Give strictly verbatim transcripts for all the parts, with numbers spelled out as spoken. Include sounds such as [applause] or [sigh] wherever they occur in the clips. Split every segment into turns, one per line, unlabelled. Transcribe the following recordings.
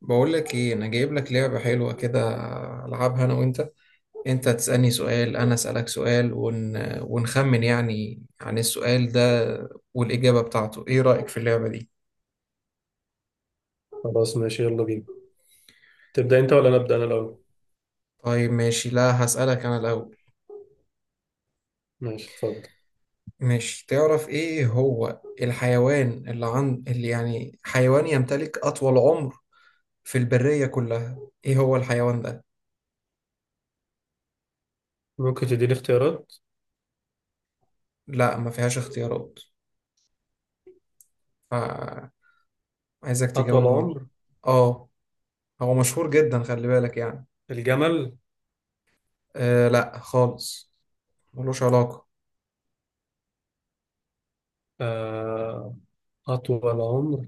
بقول لك ايه، انا جايب لك لعبة حلوة كده. العبها انا وانت. انت تسألني سؤال، انا اسألك سؤال، ون... ونخمن يعني عن السؤال ده والإجابة بتاعته. ايه رأيك في اللعبة دي؟
خلاص ماشي، يلا بينا. تبدأ انت ولا نبدأ انا الاول؟
طيب ماشي، لا هسألك انا الاول.
ماشي، اتفضل.
ماشي، تعرف ايه هو الحيوان اللي عند اللي يعني حيوان يمتلك اطول عمر في البرية كلها؟ ايه هو الحيوان ده؟
ممكن تديني اختيارات.
لا، ما فيهاش اختيارات، فعايزك
اطول
تجاوبني.
عمر.
اه، هو مشهور جدا، خلي بالك يعني
الجمل.
آه لا خالص، ملوش علاقة.
آه، اطول عمر.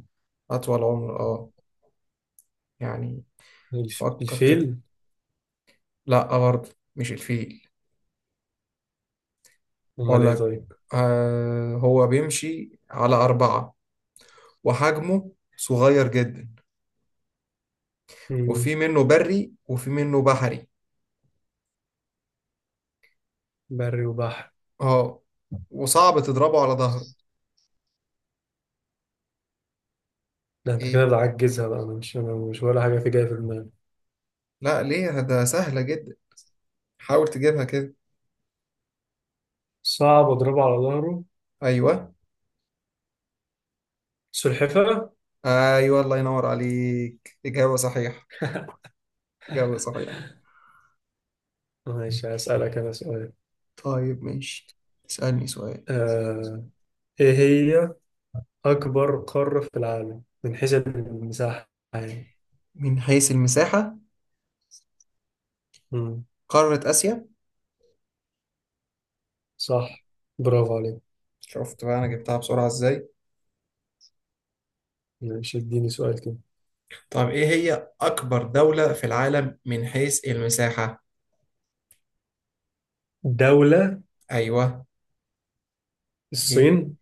أطول عمر، اه يعني
الف-
فكر
الفيل.
كده. لا برضه، مش الفيل.
امال
أقول
ايه
لك،
طيب؟
آه، هو بيمشي على أربعة وحجمه صغير جدا،
مم،
وفي منه بري وفي منه بحري.
بري وبحر.
اه، وصعب تضربه على ظهره.
ده انت كده
ايه؟
بتعجزها بقى، أنا مش انا مش ولا حاجة في جاية في دماغي.
لا ليه، ده سهلة جدا، حاول تجيبها كده.
صعب اضربه على ظهره.
أيوه،
سلحفاة.
أيوه، الله ينور عليك، إجابة صحيحة، إجابة صحيحة.
ماشي، هسألك انا سؤال.
طيب ماشي، اسألني سؤال.
آه، ايه هي اكبر قارة في العالم من حيث المساحة يعني.
من حيث المساحة؟
مم،
قارة آسيا.
صح، برافو عليك.
شفت بقى أنا جبتها بسرعة إزاي؟
ماشي، اديني سؤال كده.
طب إيه هي أكبر دولة في العالم من حيث المساحة؟
دولة.
أيوه. إيه؟
الصين.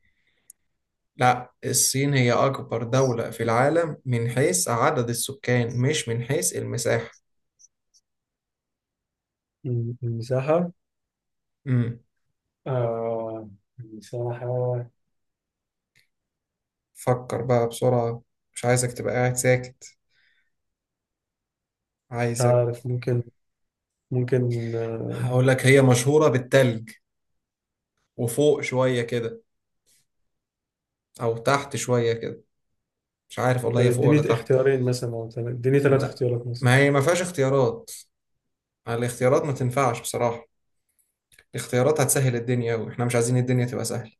لا، الصين هي أكبر دولة في العالم من حيث عدد السكان، مش من حيث المساحة.
م- المساحة.
امم،
آه المساحة.
فكر بقى بسرعة، مش عايزك تبقى قاعد ساكت،
مش
عايزك.
عارف، ممكن ممكن آه.
هقول لك، هي مشهورة بالتلج وفوق شوية كده، أو تحت شوية كده، مش عارف والله
طب
هي فوق ولا
اديني
تحت.
اختيارين مثلا، أو تل- اديني ثلاث
لا،
اختيارات مثلا.
ما هي ما فيهاش اختيارات، الاختيارات ما تنفعش بصراحة، الاختيارات هتسهل الدنيا، واحنا مش عايزين الدنيا تبقى سهلة.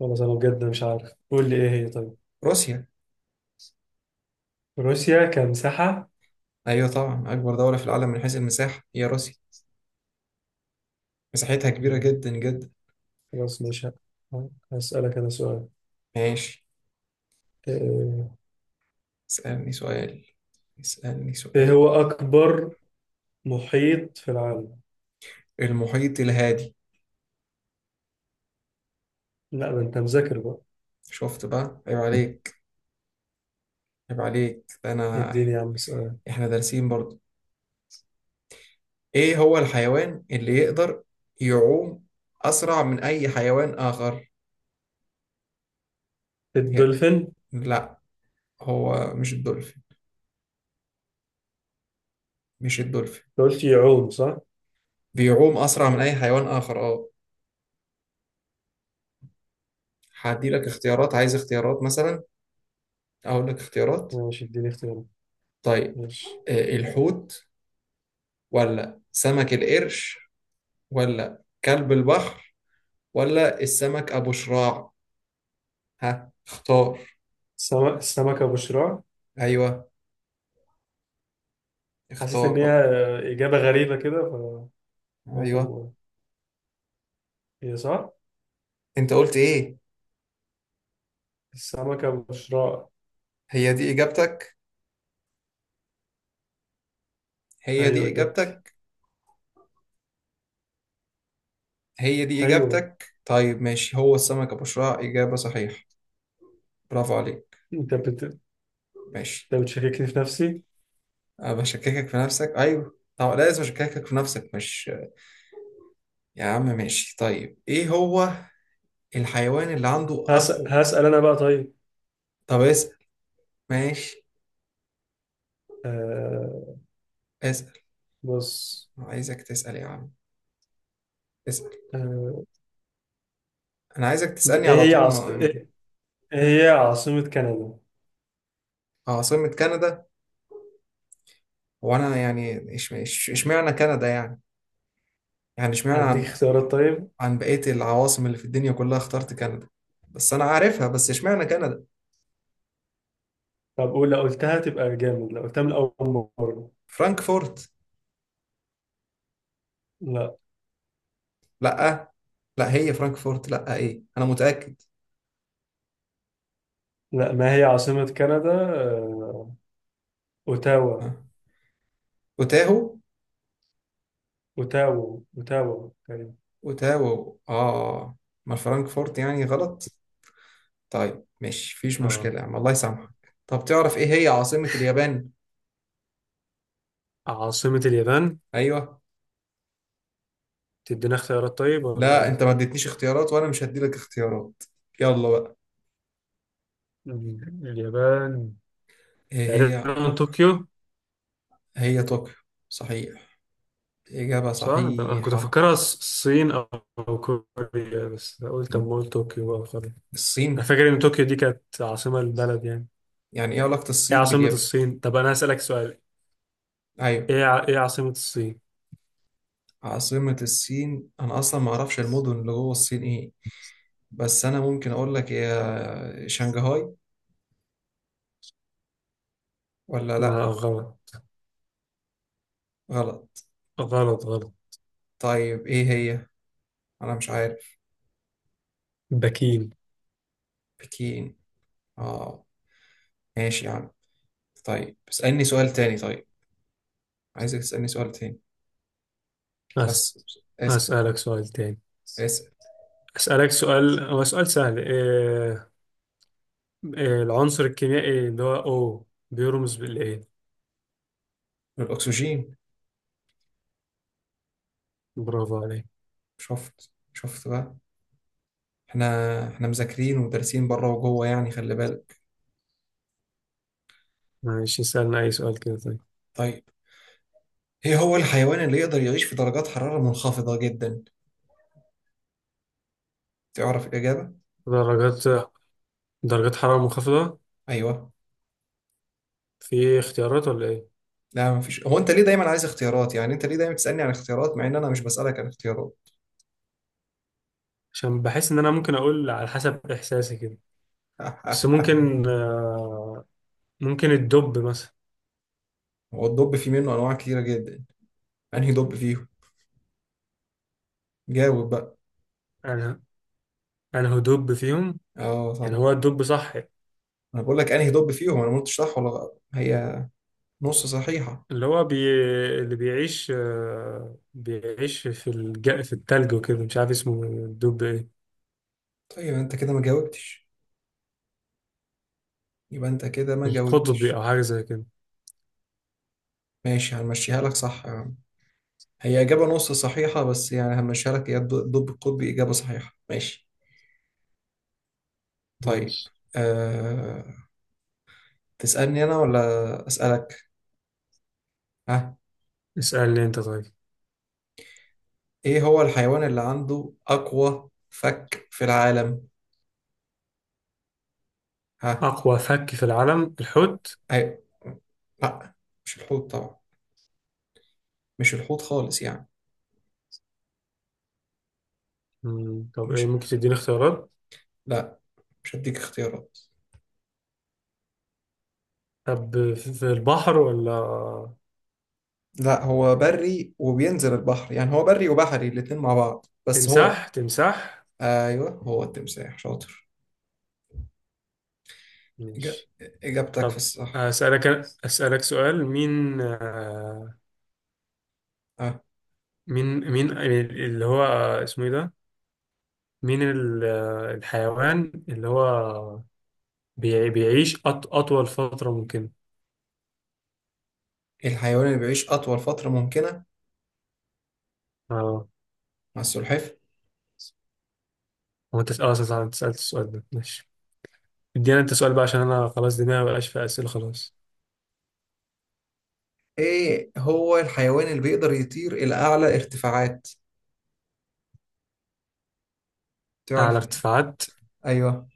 خلاص، أنا بجد مش عارف، قول لي إيه هي طيب.
روسيا.
روسيا كمساحة.
ايوه طبعا، اكبر دولة في العالم من حيث المساحة هي روسيا، مساحتها كبيرة
م،
جدا جدا.
خلاص ماشي. ه- هسألك أنا سؤال.
ماشي،
آه،
اسألني سؤال، اسألني
إيه
سؤال.
هو أكبر محيط في العالم؟
المحيط الهادي.
لا، ده أنت مذاكر بقى.
شفت بقى، عيب عليك، عيب عليك، ده انا،
اديني يا عم سؤال.
احنا دارسين برضو. ايه هو الحيوان اللي يقدر يعوم اسرع من اي حيوان اخر؟ يا-
الدولفين أنت.
لا، هو مش الدولفين، مش الدولفين.
قلت يعوم صح؟
بيعوم اسرع من اي حيوان اخر، اه. هدي لك اختيارات، عايز اختيارات مثلا، اقول لك اختيارات.
ماشي، اديني اختيارات.
طيب،
ماشي.
آه، الحوت، ولا سمك القرش، ولا كلب البحر، ولا السمك ابو شراع؟ ها اختار.
السمك السمكة بشراع.
ايوه،
حسيت
اختار
إن هي
بقى.
آه، إجابة غريبة كده، فقلت أما
ايوه،
أقول. هي صح؟
انت قلت ايه؟
السمكة بشراع.
هي دي اجابتك، هي
أيوه،
دي
إجابتي.
اجابتك، هي دي
أيوه.
اجابتك؟ طيب ماشي، هو السمك ابو شراع اجابة صحيحة. برافو عليك.
أنت بت...
ماشي.
أنت بتشككني في نفسي.
أنا بشككك في نفسك، ايوه، طب لازم اشككك في نفسك مش؟ يا عم ماشي. طيب ايه هو الحيوان اللي عنده
هس...
اقوى؟
هسأل أنا بقى طيب.
طب اسأل، ماشي،
آه...
اسأل،
بص.
عايزك تسأل يا عم، اسأل.
آه...
انا عايزك تسألني على
إيه هي
طول
عاص...
ما يعني
إيه إيه هي عاصمة كندا؟
آه، عاصمة كندا؟ وانا يعني إش- إش- اشمعنى كندا يعني؟ يعني اشمعنى
هديك
عن
اختيارات طيب.
عن بقية العواصم اللي في الدنيا كلها اخترت كندا؟ بس انا عارفها، بس اشمعنى كندا.
طب قول، لو قلتها تبقى جامد لو قلتها من أول مرة.
فرانكفورت.
لا.
لا، لا هي فرانكفورت، لا ايه، انا متأكد.
لا، ما هي عاصمة كندا؟ آه... أوتاوا.
ها. اوتاهو،
اوتاوا اوتاوا تقريبا.
اوتاهو اه. ما فرانكفورت يعني غلط. طيب ماشي، مفيش مشكلة
اه.
يا عم، الله يسامحك. طب تعرف ايه هي عاصمة اليابان؟
عاصمة اليابان.
ايوه.
تدينا اختيارات طيب ولا
لا، انت
ايه؟
ما اديتنيش اختيارات، وانا مش هديلك اختيارات، يلا بقى.
مم. اليابان.
ايه هي؟
تقريبا طوكيو.
هي طوكيو، صحيح، إجابة
صح، ده انا كنت
صحيحة.
افكرها الص- الصين او أو كوريا، بس قلت اما اقول طوكيو بقى خلاص. انا
الصين؟
فاكر ان طوكيو دي كانت عاصمة البلد يعني.
يعني ايه علاقة
ايه
الصين
عاصمة
باليابان؟
الصين؟ طب انا هسألك سؤال.
ايوه.
ايه ع... ايه عاصمة الصين؟
عاصمة الصين؟ انا اصلا ما اعرفش المدن اللي جوه الصين ايه، بس انا ممكن اقول لك يا شنغهاي، ولا
لا،
لا؟
غلط.
غلط.
غلط غلط.
طيب ايه هي؟ انا مش عارف.
بكين.
بكين، اه. ماشي يا عم. طيب اسألني سؤال تاني، طيب، عايزك تسألني سؤال تاني،
أس...
بس اسأل،
اسألك سؤال تاني.
اسأل.
اسألك سؤال، هو سؤال سهل. إيه، آه، العنصر الكيميائي اللي هو أو بيرمز بالإيه؟
الأكسجين.
برافو عليك.
شفت، شفت بقى، احنا احنا مذاكرين ودارسين بره وجوه، يعني خلي بالك.
ماشي، سألنا أي سؤال كده طيب.
طيب، ايه هو الحيوان اللي يقدر يعيش في درجات حرارة منخفضة جدا؟ تعرف الإجابة؟
درجات درجات حرارة منخفضة.
أيوه.
في اختيارات ولا إيه؟
لا مفيش، هو أنت ليه دايما عايز اختيارات يعني؟ أنت ليه دايما تسألني عن اختيارات مع إن أنا مش بسألك عن اختيارات؟
عشان بحس إن أنا ممكن أقول على حسب إحساسي كده. بس
[laughs]
ممكن آه، ممكن الدب مثلا.
هو الدب فيه منه أنواع كتيرة جدا، أنهي دب فيهم؟ جاوب بقى.
أنا أنا هو دب فيهم.
اه
يعني
طبعا.
هو الدب صح.
انا بقول لك انهي دب فيهم، انا ما قلتش صح ولا غلط، هي نص صحيحة.
اللي هو بي... اللي بيعيش آه، بيعيش في الج... في التلج وكده، مش عارف اسمه الدب إيه.
طيب انت كده ما جاوبتش، يبقى انت كده ما
القطبي أو
جاوبتش.
حاجة زي كده.
ماشي، هنمشيها لك، صح يا عم، هي إجابة نص صحيحة، بس يعني هنمشيها لك، هي الد- الدب القطبي إجابة صحيحة، ماشي. طيب،
ماشي،
أه... تسألني أنا ولا أسألك؟ ها.
اسألني أنت طيب.
إيه هو الحيوان اللي عنده أقوى فك في العالم؟ ها.
أقوى فك في العالم، الحوت.
أيوة. لا، مش الحوت طبعا، مش الحوت خالص يعني.
مم، طب إيه،
مش
ممكن تديني اختيارات.
لا مش هديك اختيارات.
طب في في البحر ولا.
لا، هو بري وبينزل البحر، يعني هو بري وبحري الاتنين مع بعض، بس هو.
تمساح تمساح.
ايوه، هو التمساح شاطر. إجا-
ماشي.
اجابتك في
طب
الصح.
أسألك أسألك سؤال. مين آه،
اه،
مين مين اللي هو آه، اسمه إيه ده. مين ال- آه، الحيوان اللي هو بيع- بيعيش أط- أطول فترة ممكن.
الحيوان اللي بيعيش اطول فترة ممكنة
اه.
مع السلحفاة.
هو انت اه صح، انت سألت السؤال ده ماشي. ادينا انت سؤال بقى، عشان انا خلاص دماغي مبقاش في اسئله خلاص.
ايه هو الحيوان اللي بيقدر يطير الى اعلى ارتفاعات؟
اعلى
تعرف؟
ارتفاعات.
ايوه.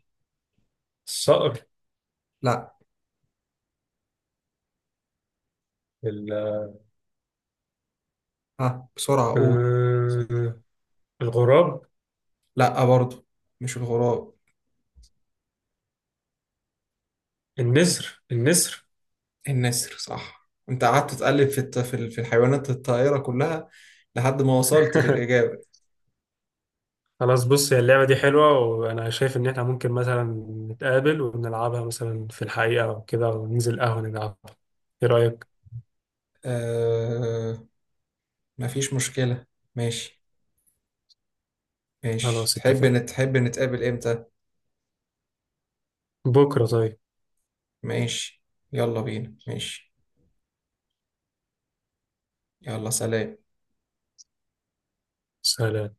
الصقر.
لا.
ال-
ها بسرعة قول.
آه، الغراب.
لا برضو، مش الغراب.
النسر النسر.
النسر صح، انت قعدت تقلب في الت- في ال- في الحيوانات الطائرة كلها لحد ما وصلت
[laughs]
للإجابة.
خلاص، بص، هي اللعبة دي حلوة، وأنا شايف إن إحنا ممكن مثلا نتقابل ونلعبها مثلا في الحقيقة أو كده وننزل قهوة نلعبها. إيه رأيك؟
آه. مفيش مشكلة، ماشي، ماشي.
خلاص،
تحب
اتفقنا.
نت- تحب نتقابل امتى؟
بكرة طيب.
ماشي، يلا بينا، ماشي، يلا سلام.
سلام.